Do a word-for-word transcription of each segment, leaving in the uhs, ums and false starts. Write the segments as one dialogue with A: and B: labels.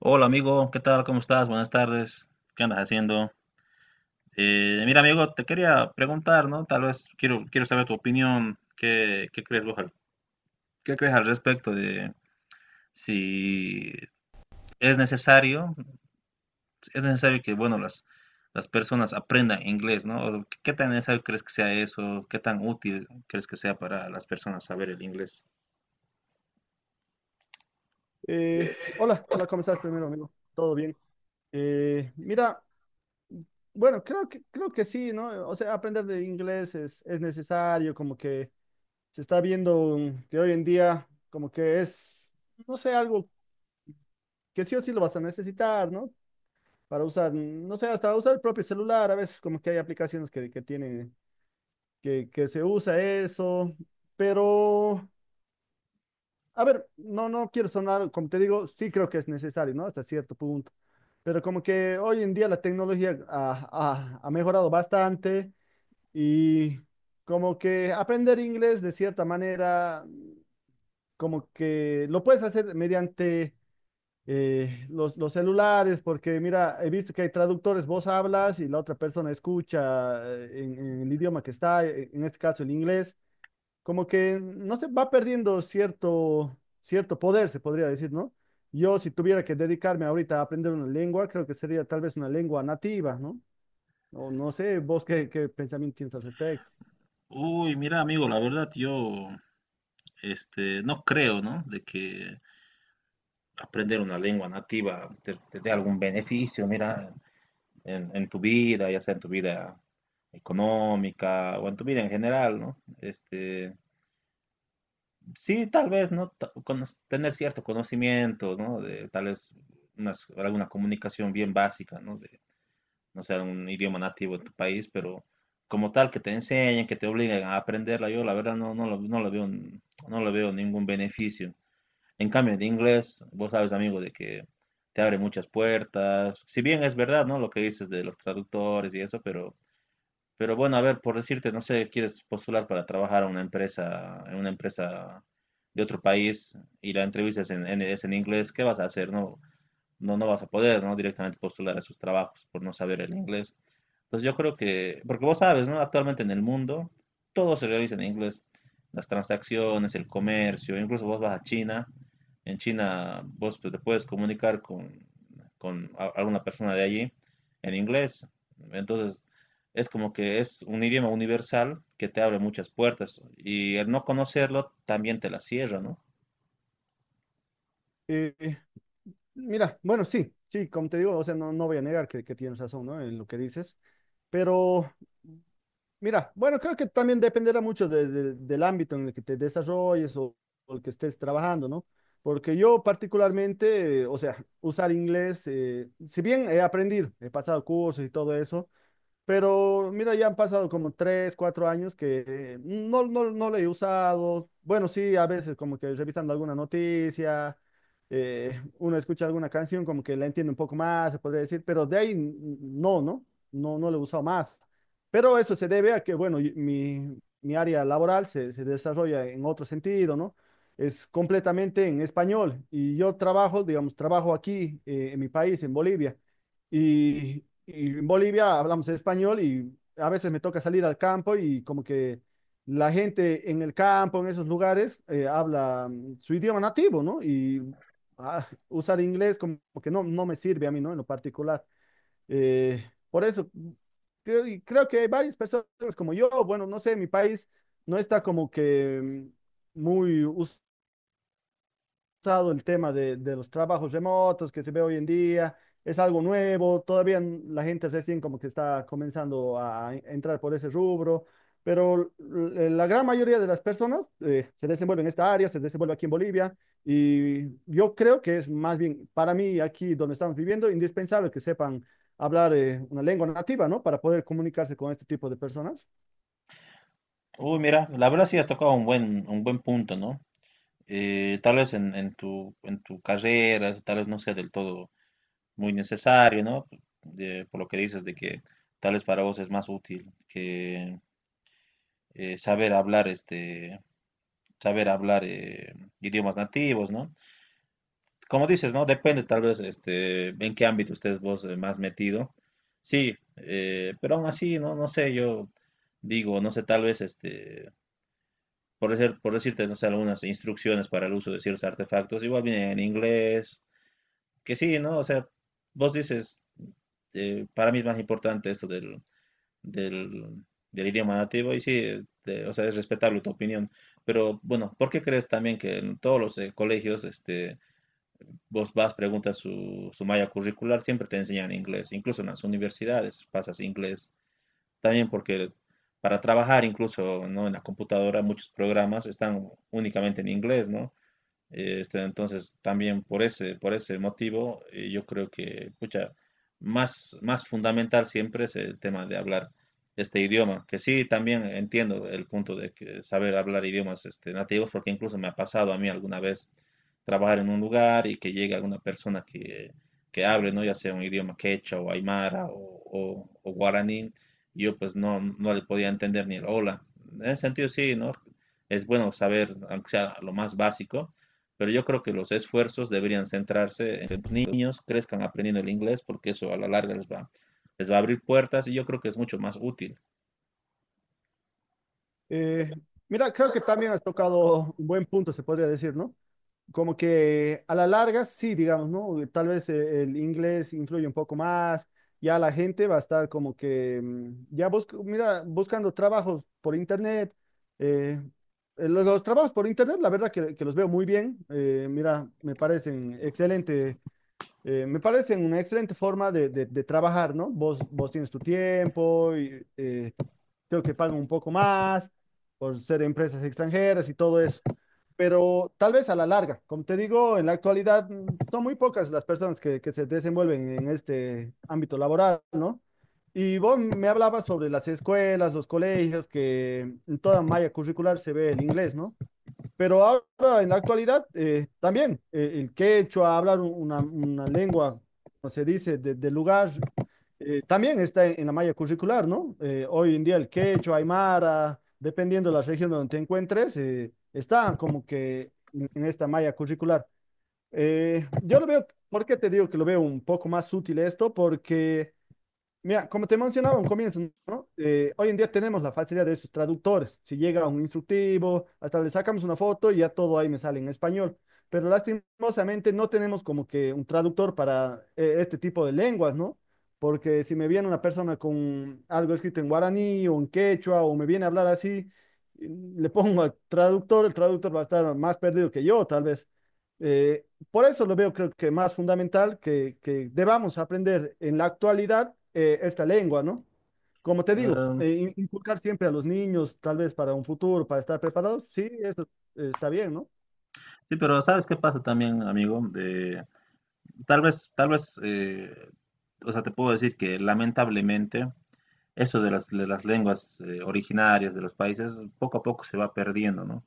A: Hola amigo, ¿qué tal? ¿Cómo estás? Buenas tardes. ¿Qué andas haciendo? Eh, mira amigo, te quería preguntar, ¿no? Tal vez quiero, quiero saber tu opinión. ¿Qué, qué crees vos al, qué crees al respecto de si es necesario, es necesario que, bueno, las, las personas aprendan inglés, ¿no? O ¿Qué tan necesario crees que sea eso? ¿Qué tan útil crees que sea para las personas saber el inglés?
B: Eh, hola, hola, ¿cómo estás primero, amigo? ¿Todo bien? Eh, mira, bueno, creo que, creo que sí, ¿no? O sea, aprender de inglés es, es necesario, como que se está viendo mm, que hoy en día como que es, no sé, algo que sí o sí lo vas a necesitar, ¿no? Para usar, mm, no sé, hasta usar el propio celular. A veces como que hay aplicaciones que, que tienen, que, que se usa eso, pero, a ver, no, no quiero sonar, como te digo, sí creo que es necesario, ¿no? Hasta cierto punto. Pero como que hoy en día la tecnología ha, ha- ha mejorado bastante y como que aprender inglés de cierta manera, como que lo puedes hacer mediante eh, los, los celulares, porque mira, he visto que hay traductores, vos hablas y la otra persona escucha eh, en, en el idioma que está, eh, en este caso el inglés, como que, no sé, va perdiendo cierto, cierto poder, se podría decir, ¿no? Yo, si tuviera que dedicarme ahorita a aprender una lengua, creo que sería tal vez una lengua nativa, ¿no? O no sé, vos qué, qué pensamiento tienes al respecto.
A: Uy, mira amigo, la verdad yo, este, no creo, ¿no? De que aprender una lengua nativa te, te dé algún beneficio, mira, en, en tu vida, ya sea en tu vida económica o en tu vida en general, ¿no? Este, sí, tal vez, ¿no? Ta- cono- tener cierto conocimiento, ¿no? De, tal vez unas- alguna comunicación bien básica, ¿no? De, no sea un idioma nativo de tu país, pero como tal, que te enseñen, que te obliguen a aprenderla, yo la verdad no, no lo, no lo veo, no lo veo ningún beneficio. En cambio, en inglés, vos sabes, amigo, de que te abre muchas puertas. Si bien es verdad, ¿no? Lo que dices de los traductores y eso, pero, pero bueno, a ver, por decirte, no sé, quieres postular para trabajar a una empresa, en una empresa de otro país y la entrevista es en, en- es en inglés, ¿qué vas a hacer, no? No, no vas a poder, ¿no? Directamente postular a sus trabajos por no saber el inglés. Entonces yo creo que, porque vos sabes, ¿no? Actualmente en el mundo todo se realiza en inglés, las transacciones, el comercio, incluso vos vas a China, en China vos te puedes comunicar con, con a- alguna persona de allí en inglés. Entonces es como que es un idioma universal que te abre muchas puertas y el no conocerlo también te la cierra, ¿no?
B: Eh, Mira, bueno, sí, sí, como te digo, o sea, no, no voy a negar que, que tienes razón, ¿no? En lo que dices, pero mira, bueno, creo que también dependerá mucho de- de- del ámbito en el que te desarrolles o, o el que estés trabajando, ¿no? Porque yo particularmente, eh, o sea, usar inglés, eh, si bien he aprendido, he pasado cursos y todo eso, pero mira, ya han pasado como tres, cuatro años que eh, no, no, no lo he usado. Bueno, sí, a veces como que revisando alguna noticia, eh, uno escucha alguna canción como que la entiende un poco más, se podría decir, pero de ahí n- no, ¿no? No, no lo he usado más. Pero eso se debe a que, bueno, y- mi, mi área laboral se, se desarrolla en otro sentido, ¿no? Es completamente en español y yo trabajo, digamos, trabajo aquí eh, en mi país, en Bolivia. Y, y en Bolivia hablamos español y a veces me toca salir al campo, y como que la gente en el campo, en esos lugares, eh, habla mm, su idioma nativo, ¿no? Y ah, usar inglés como que no, no me sirve a mí, ¿no? En lo particular. Eh, por eso, mm, creo, y creo que hay varias personas como yo. Bueno, no sé, mi país no está como que mm, muy, el tema de, de los trabajos remotos que se ve hoy en día, es algo nuevo, todavía la gente recién como que está comenzando a entrar por ese rubro. Pero la gran mayoría de las personas eh, se desenvuelven en esta área, se desenvuelve aquí en Bolivia, y yo creo que es más bien para mí, aquí donde estamos viviendo, indispensable que sepan hablar eh, una lengua nativa, ¿no? Para poder comunicarse con este tipo de personas.
A: Uy, mira, la verdad sí has tocado un buen, un buen punto, ¿no? eh, tal vez en, en tu, en tu carrera, tal vez no sea del todo muy necesario, ¿no? De- por lo que dices de que tal vez para vos es más útil que eh, saber hablar, este, saber hablar eh, idiomas nativos, ¿no? Como dices, ¿no? Depende tal vez este, en qué ámbito estés vos eh, más metido. Sí, eh, pero aún así, no, no sé, yo digo, no sé, tal vez este, por decir, por decirte, no sé, algunas instrucciones para el uso de ciertos artefactos, igual vienen en inglés que sí, ¿no? O sea, vos dices, eh, para mí es más importante esto del, del, del idioma nativo y sí, eh, de- o sea, es respetable tu opinión. Pero bueno, ¿por qué crees también que en todos los eh, colegios, este, vos vas, preguntas su, su malla curricular, siempre te enseñan inglés, incluso en las universidades pasas inglés. También porque para trabajar, incluso, ¿no? En la computadora, muchos programas están únicamente en inglés, ¿no? Este, entonces, también por ese, por ese motivo, eh, yo creo que, pucha, más, más fundamental siempre es el tema de hablar este idioma, que sí, también entiendo el punto de que saber hablar idiomas este, nativos, porque incluso me ha pasado a mí alguna vez trabajar en un lugar y que llegue alguna persona que, que hable, ¿no? Ya sea un idioma quechua o aymara o, o- o guaraní, y yo pues no, no le podía entender ni el hola. En ese sentido, sí, ¿no? Es bueno saber, aunque sea lo más básico, pero yo creo que los esfuerzos deberían centrarse en que los niños crezcan aprendiendo el inglés porque eso a la larga les va, les va a abrir puertas y yo creo que es mucho más útil.
B: Eh, Mira, creo que también has tocado un buen punto, se podría decir, ¿no? Como que a la larga, sí, digamos, ¿no? Eh, Tal vez eh, el inglés influye un poco más, ya la gente va a estar como que, mm, ya busca, mira, buscando trabajos por internet. eh, eh, los, los trabajos por internet, la verdad que, que los veo muy bien, eh, mira, me parecen excelentes, eh, me parece una excelente forma de, de- de trabajar, ¿no? Vos, vos tienes tu tiempo y eh, creo que pagan un poco más por ser empresas extranjeras y todo eso. Pero tal vez a la larga, como te digo, en la actualidad mm, son muy pocas las personas que, que se desenvuelven en este ámbito laboral, ¿no? Y vos me hablabas sobre las escuelas, los colegios, que en toda malla curricular se ve el inglés, ¿no? Pero ahora, en la actualidad, eh, también eh, el quechua, hablar una, una lengua, como se dice, de- del lugar, eh, también está en, en la malla curricular, ¿no? Eh, hoy en día el quechua, aymara, dependiendo de la región donde te encuentres, eh, está como que en, en esta malla curricular. Eh, yo lo veo, ¿por qué te digo que lo veo un poco más útil esto? Porque mira, como te mencionaba un comienzo, ¿no? Eh, hoy en día tenemos la facilidad de esos traductores. Si llega un instructivo, hasta le sacamos una foto y ya todo ahí me sale en español. Pero lastimosamente no tenemos como que un traductor para eh, este tipo de lenguas, ¿no? Porque si me viene una persona con algo escrito en guaraní o en quechua, o me viene a hablar así, eh, le pongo al traductor, el traductor va a estar más perdido que yo, tal vez. Eh, por eso lo veo, creo que más fundamental que, que debamos aprender en la actualidad eh, esta lengua, ¿no? Como te digo,
A: Eh,
B: eh, in- inculcar siempre a los niños, tal vez para un futuro, para estar preparados. Sí, eso eh, está bien, ¿no?
A: sí, pero ¿sabes qué pasa también, amigo? De, tal vez, tal vez, eh, o sea, te puedo decir que lamentablemente eso de las, de las lenguas eh, originarias de los países poco a poco se va perdiendo, ¿no?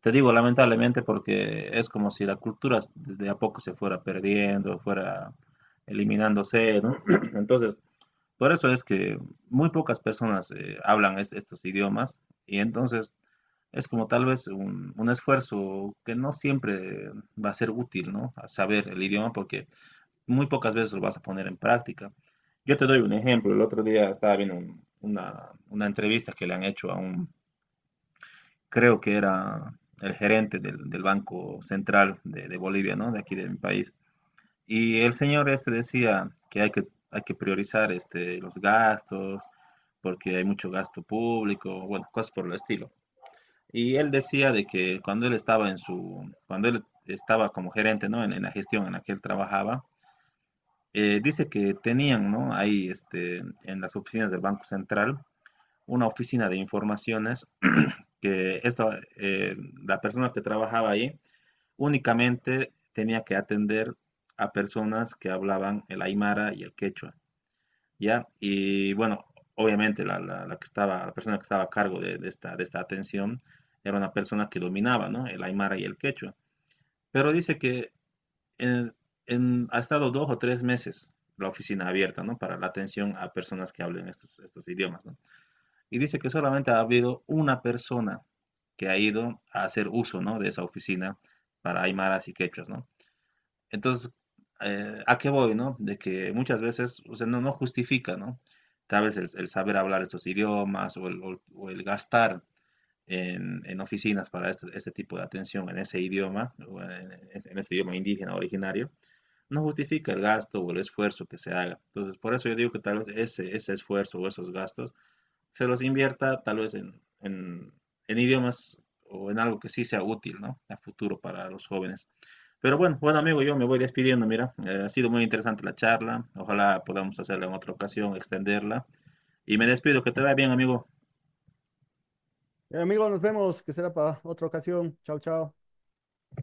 A: Te digo lamentablemente porque es como si la cultura de a poco se fuera perdiendo, fuera eliminándose, ¿no? Entonces, por eso es que muy pocas personas eh, hablan es- estos idiomas y entonces es como tal vez un, un esfuerzo que no siempre va a ser útil, ¿no? A saber el idioma porque muy pocas veces lo vas a poner en práctica. Yo te doy un ejemplo. El otro día estaba viendo un- una, una entrevista que le han hecho a un, creo que era el gerente del, del Banco Central de, de Bolivia, ¿no? De aquí de mi país. Y el señor este decía que hay que, hay que priorizar este, los gastos, porque hay mucho gasto público, bueno, cosas por el estilo. Y él decía de que cuando él estaba en su, cuando él estaba como gerente, ¿no? En, en la gestión en la que él trabajaba, eh, dice que tenían, ¿no? Ahí, este, en las oficinas del Banco Central, una oficina de informaciones. Que esta, eh, la persona que trabajaba ahí únicamente tenía que atender a personas que hablaban el aymara y el quechua, ¿ya? Y bueno, obviamente la, la- la que estaba, la persona que estaba a cargo de, de esta, de esta atención era una persona que dominaba, ¿no? El aymara y el quechua. Pero dice que en- en- ha estado dos o tres meses la oficina abierta, ¿no? Para la atención a personas que hablen estos, estos idiomas, ¿no? Y dice que solamente ha habido una persona que ha ido a hacer uso, ¿no? De esa oficina para aymaras y quechuas, ¿no? Entonces, eh, ¿a qué voy, no? De que muchas veces, o sea, no, no justifica, ¿no? Tal vez el, el saber hablar estos idiomas o el, o- el- o el gastar en, en oficinas para este, este tipo de atención en ese idioma, o en, en ese idioma indígena originario, no justifica el gasto o el esfuerzo que se haga. Entonces, por eso yo digo que tal vez ese, ese esfuerzo o esos gastos se los invierta tal vez en, en en idiomas o en algo que sí sea útil, ¿no? A futuro para los jóvenes. Pero bueno, bueno amigo, yo me voy despidiendo, mira, eh, ha sido muy interesante la charla, ojalá podamos hacerla en otra ocasión, extenderla. Y me despido, que te vaya bien, amigo.
B: Eh, amigo, nos vemos, que será para otra ocasión. Chao, chao.